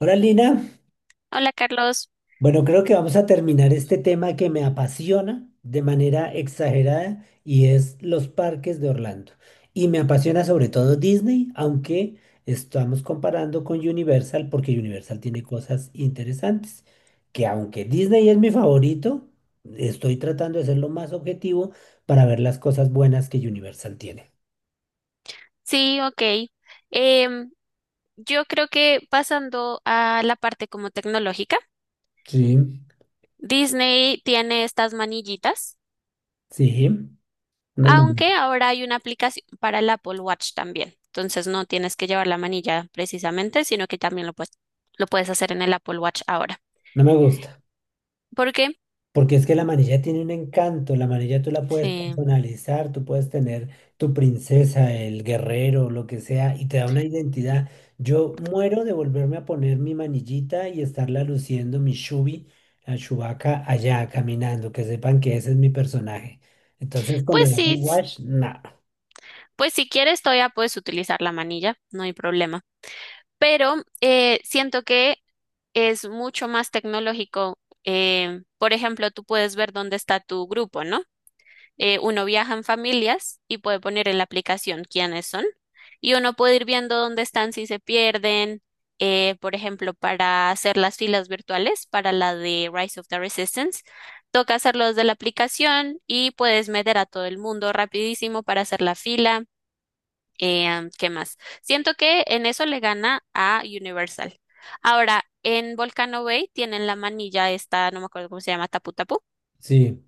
Hola Lina, Hola Carlos, bueno creo que vamos a terminar este tema que me apasiona de manera exagerada y es los parques de Orlando. Y me apasiona sobre todo Disney, aunque estamos comparando con Universal porque Universal tiene cosas interesantes, que aunque Disney es mi favorito, estoy tratando de ser lo más objetivo para ver las cosas buenas que Universal tiene. sí, ok. Em, yo creo que pasando a la parte como tecnológica, Sí, Disney tiene estas manillitas, sí, no, aunque ahora hay una aplicación para el Apple Watch también. Entonces no tienes que llevar la manilla precisamente, sino que también lo puedes hacer en el Apple Watch ahora. no me gusta. ¿Por qué? Porque es que la manilla tiene un encanto, la manilla tú la puedes Sí. personalizar, tú puedes tener tu princesa, el guerrero, lo que sea, y te da una identidad. Yo muero de volverme a poner mi manillita y estarla luciendo, mi Shubi, la Chewbacca, allá caminando, que sepan que ese es mi personaje. Entonces, con lo Pues de sí, Apple Watch, nada. pues si quieres todavía puedes utilizar la manilla, no hay problema. Pero siento que es mucho más tecnológico. Por ejemplo, tú puedes ver dónde está tu grupo, ¿no? Uno viaja en familias y puede poner en la aplicación quiénes son y uno puede ir viendo dónde están si se pierden. Por ejemplo, para hacer las filas virtuales, para la de Rise of the Resistance, toca hacerlo desde la aplicación y puedes meter a todo el mundo rapidísimo para hacer la fila. ¿Qué más? Siento que en eso le gana a Universal. Ahora, en Volcano Bay tienen la manilla esta, no me acuerdo cómo se llama, tapu tapu. Sí.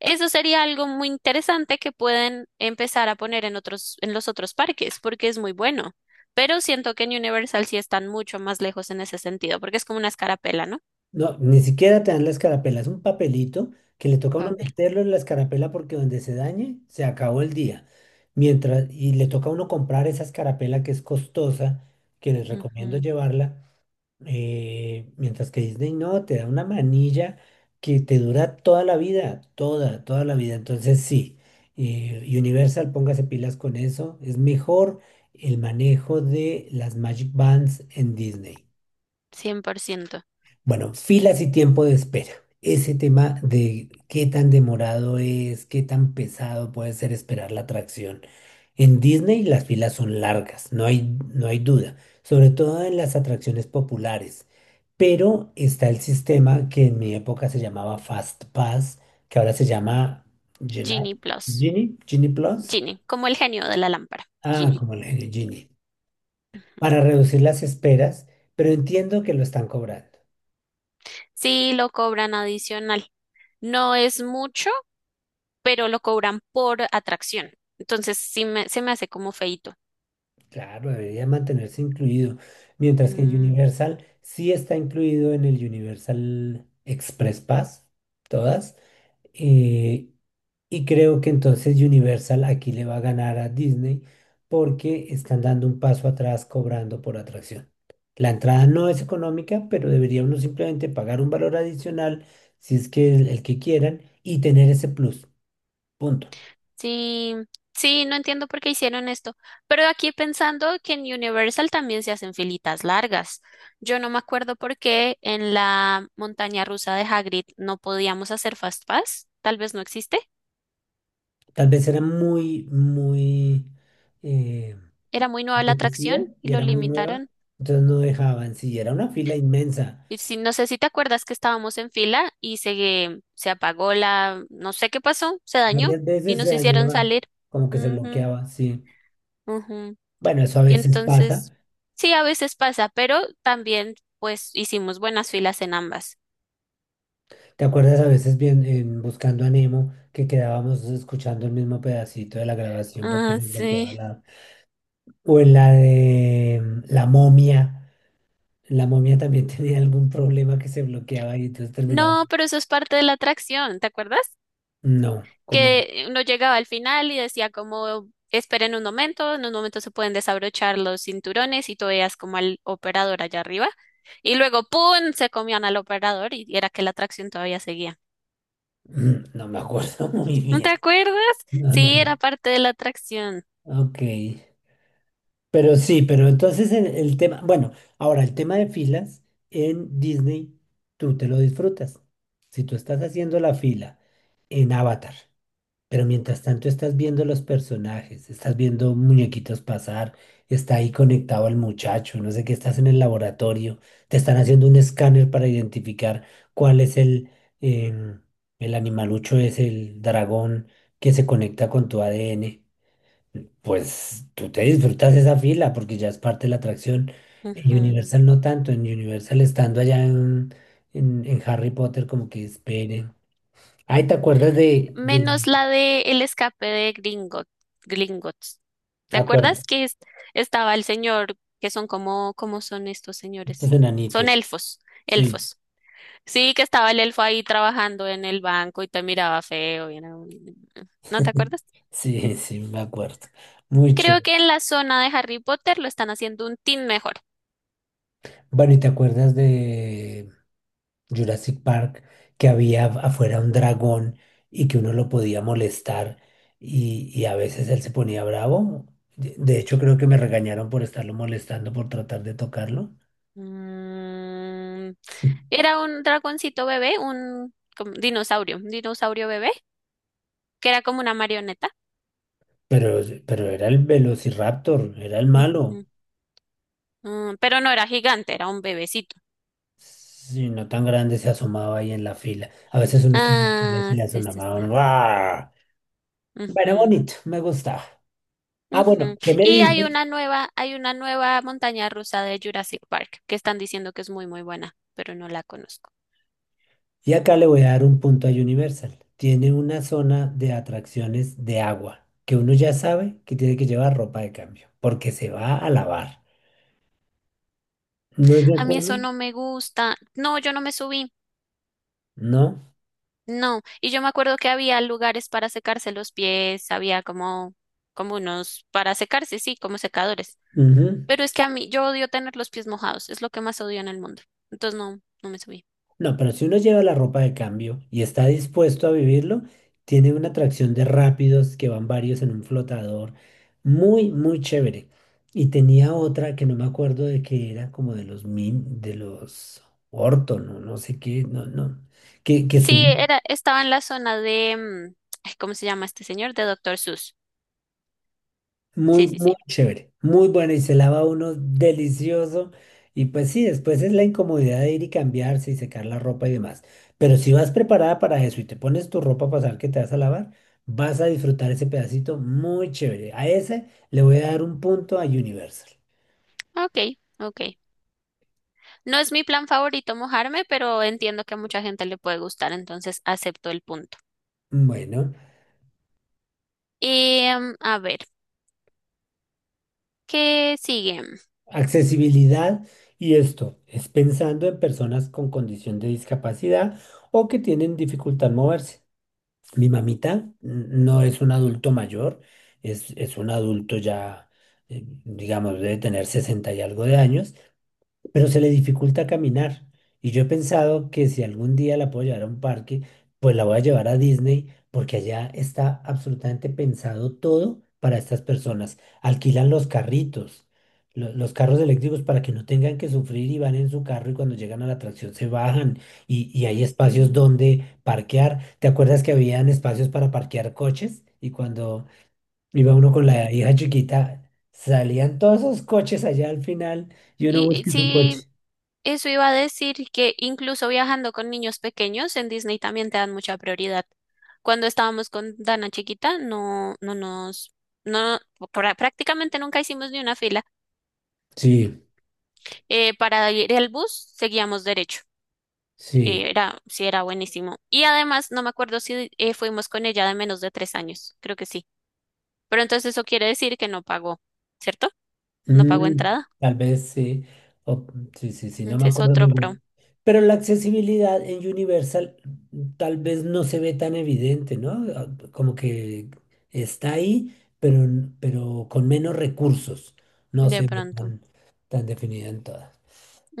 Eso sería algo muy interesante que pueden empezar a poner en otros, en los otros parques, porque es muy bueno. Pero siento que en Universal sí están mucho más lejos en ese sentido, porque es como una escarapela, ¿no? No, ni siquiera te dan la escarapela, es un papelito que le toca a Va a uno ver. meterlo en la escarapela porque donde se dañe, se acabó el día. Mientras, y le toca a uno comprar esa escarapela que es costosa, que les recomiendo Ujú, llevarla, mientras que Disney no, te da una manilla que te dura toda la vida, toda, toda la vida. Entonces sí, Universal, póngase pilas con eso, es mejor el manejo de las Magic Bands en Disney. 100%. Bueno, filas y tiempo de espera. Ese tema de qué tan demorado es, qué tan pesado puede ser esperar la atracción. En Disney las filas son largas, no hay duda, sobre todo en las atracciones populares. Pero está el sistema que en mi época se llamaba Fast Pass, que ahora se llama Genie, Genie Plus. Genie Plus. Genie, como el genio de la lámpara. Ah, Genie. como le dije, Genie. Ujú. Para reducir las esperas, pero entiendo que lo están cobrando. Sí, lo cobran adicional. No es mucho, pero lo cobran por atracción. Entonces sí se me hace como feíto. Claro, debería mantenerse incluido, mientras que Mm, Universal sí está incluido en el Universal Express Pass, todas, eh, y creo que entonces Universal aquí le va a ganar a Disney porque están dando un paso atrás cobrando por atracción. La entrada no es económica, pero debería uno simplemente pagar un valor adicional si es que el que quieran y tener ese plus, punto. sí, sí, no entiendo por qué hicieron esto. Pero aquí pensando que en Universal también se hacen filitas largas. Yo no me acuerdo por qué en la montaña rusa de Hagrid no podíamos hacer Fast Pass. Tal vez no existe. Tal vez era muy, muy... eh, Era muy nueva la atracción apetecía y y lo era muy Ujú. Nueva, limitaron. entonces no dejaban, sí, era una fila inmensa. Y si, no sé si te acuerdas que estábamos en fila y se apagó la, no sé qué pasó, se dañó Varias y veces se nos hicieron dañaba, salir. como que se Ujú, bloqueaba, sí. ujú. Bueno, eso a Y veces pasa. entonces, sí, a veces pasa, pero también pues hicimos buenas filas en ambas. ¿Te acuerdas a veces bien en Buscando a Nemo que quedábamos escuchando el mismo pedacito de la grabación porque Ah, se bloqueaba sí. la... O en la de la momia también tenía algún problema que se bloqueaba y entonces terminaba. No, pero eso es parte de la atracción, ¿te acuerdas? No, como... Que uno llegaba al final y decía como esperen un momento, en un momento se pueden desabrochar los cinturones y tú veías como al operador allá arriba. Y luego, ¡pum!, se comían al operador y era que la atracción todavía seguía. No me acuerdo muy ¿No bien. te acuerdas? No, no, Sí, era no. parte de la atracción. Ok. Pero sí, pero entonces el tema, bueno, ahora el tema de filas en Disney, tú te lo disfrutas. Si tú estás haciendo la fila en Avatar, pero mientras tanto estás viendo los personajes, estás viendo muñequitos pasar, está ahí conectado al muchacho, no sé qué, estás en el laboratorio, te están haciendo un escáner para identificar cuál es em, el animalucho, es el dragón que se conecta con tu ADN. Pues tú te disfrutas esa fila porque ya es parte de la atracción. En Ujú. Universal no tanto, en Universal estando allá en Harry Potter como que esperen. Ay, ¿te acuerdas de... Menos la de el escape de Gringot, Gringotts. ¿Te acuerdas Acuerdo, que estaba el señor, que son como, ¿cómo son estos estos señores? Son enanitos. elfos, Sí, elfos. Sí, que estaba el elfo ahí trabajando en el banco y te miraba feo. Y era. ¿No te acuerdas? sí, sí, me acuerdo. Muy Creo chévere. que en la zona de Harry Potter lo están haciendo un tin mejor. Bueno, ¿y te acuerdas de... Jurassic Park, que había afuera un dragón y que uno lo podía molestar y a veces él se ponía bravo. De hecho, creo que me regañaron por estarlo molestando, por tratar de tocarlo, Mm, era un dragoncito bebé, un como dinosaurio, un dinosaurio bebé, que era como una marioneta. Pero era el Velociraptor, era el malo. Ujú, mm, pero no era gigante, era un bebecito. Si no tan grande se asomaba ahí en la fila. A veces uno estaba en la fila y se Ah, le sí, sí, sí. asomaba. ¡Guau! Bueno, Ujú, bonito, me gustaba. Ah, bueno, ujú. ¿qué me Y dices? Hay una nueva montaña rusa de Jurassic Park que están diciendo que es muy, muy buena, pero no la conozco. Y acá le voy a dar un punto a Universal. Tiene una zona de atracciones de agua que uno ya sabe que tiene que llevar ropa de cambio porque se va a lavar. ¿No es de A mí acuerdo? eso no me gusta. No, yo no me subí. No. No. Y yo me acuerdo que había lugares para secarse los pies, había como, como unos para secarse, sí, como secadores. Ujú. Pero es que a mí, yo odio tener los pies mojados, es lo que más odio en el mundo. Entonces no, no me subí. No, pero si uno lleva la ropa de cambio y está dispuesto a vivirlo, tiene una atracción de rápidos que van varios en un flotador. Muy, muy chévere. Y tenía otra que no me acuerdo de que era como de los min, de los Orton, o no sé qué, no, no. Que Sí, subía. Estaba en la zona de, ay, ¿cómo se llama este señor? De Doctor Seuss. Sí, Muy, sí, sí. muy chévere, muy bueno y se lava uno delicioso. Y pues sí, después es la incomodidad de ir y cambiarse y secar la ropa y demás. Pero si vas preparada para eso y te pones tu ropa para saber que te vas a lavar, vas a disfrutar ese pedacito muy chévere. A ese le voy a dar un punto a Universal. Ok, ok. No es mi plan favorito mojarme, pero entiendo que a mucha gente le puede gustar, entonces acepto el punto. Bueno, Y, a ver, ¿qué sigue? accesibilidad y esto es pensando en personas con condición de discapacidad o que tienen dificultad en moverse. Mi mamita no es un adulto mayor, es un adulto ya, digamos, debe tener 60 y algo de años, pero se le dificulta caminar. Y yo he pensado que si algún día la puedo llevar a un parque, pues la voy a llevar a Disney, porque allá está absolutamente pensado todo para estas personas. Alquilan los carritos, los carros eléctricos para que no tengan que sufrir y van en su carro y cuando llegan a la atracción se bajan y hay espacios Ujú, donde parquear. ¿Te acuerdas que habían espacios para parquear coches? Y cuando iba uno con la ujú. hija chiquita, salían todos esos coches allá al final y uno Y busca su sí, coche. eso iba a decir que incluso viajando con niños pequeños en Disney también te dan mucha prioridad. Cuando estábamos con Dana chiquita, no, no nos, no, prácticamente nunca hicimos ni una fila. Sí, Para ir al bus seguíamos derecho. sí. Sí, era buenísimo. Y además, no me acuerdo si fuimos con ella de menos de 3 años, creo que sí. Pero entonces eso quiere decir que no pagó, ¿cierto? No pagó Mm, entrada. tal vez sí. O- sí, sí, sí, no me Ese es acuerdo otro muy pro, bien. Pero la accesibilidad en Universal tal vez no se ve tan evidente, ¿no? Ah, como que está ahí, pero, pero con menos recursos. No de se ve pronto. tan, tan definida en todas.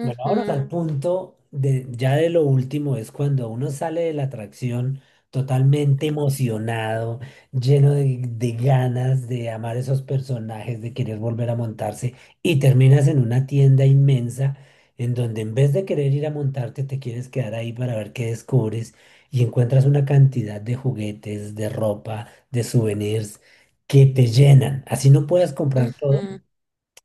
Bueno, vámonos al punto de, ya de lo último, es cuando uno sale de la atracción totalmente emocionado, lleno de ganas de amar esos personajes, de querer volver a montarse, y terminas en una tienda inmensa en donde en vez de querer ir a montarte, te quieres quedar ahí para ver qué descubres y encuentras una cantidad de juguetes, de ropa, de souvenirs que te llenan. Así no puedes comprar todo. Ujú.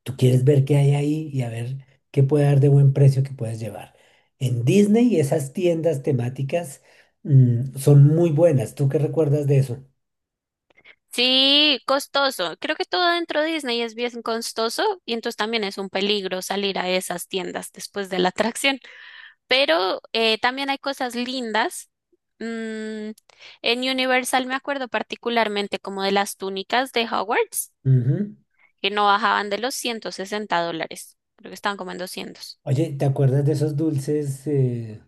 Tú quieres ver qué hay ahí y a ver qué puede dar de buen precio que puedes llevar. En Disney, esas tiendas temáticas son muy buenas. ¿Tú qué recuerdas de eso? Sí, costoso. Creo que todo dentro de Disney es bien costoso y entonces también es un peligro salir a esas tiendas después de la atracción. Pero también hay cosas lindas. Mm, en Universal me acuerdo particularmente como de las túnicas de Hogwarts, Ujú. que no bajaban de los $160. Creo que estaban como en 200. Oye, ¿te acuerdas de esos dulces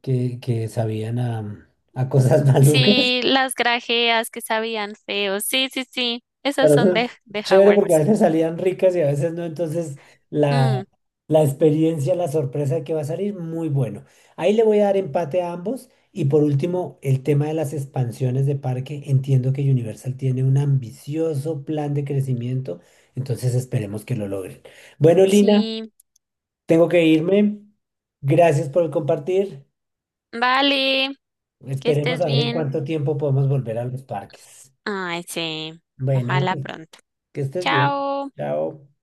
que sabían a cosas malucas? Sí, las grajeas que sabían feos. Sí, sí, sí. Esas Pero son eso de, es de chévere porque a Hogwarts. veces salían ricas y a veces no, entonces la, Mm, la experiencia, la sorpresa que va a salir, muy bueno. Ahí le voy a dar empate a ambos. Y por último, el tema de las expansiones de parque. Entiendo que Universal tiene un ambicioso plan de crecimiento, entonces esperemos que lo logren. Bueno, Lina, sí. tengo que irme. Gracias por el compartir. Vale. Que Esperemos estés a ver en bien. cuánto tiempo podemos volver a los parques. Ay, sí. Bueno, Ojalá pronto. que estés bien. Chao. Chao.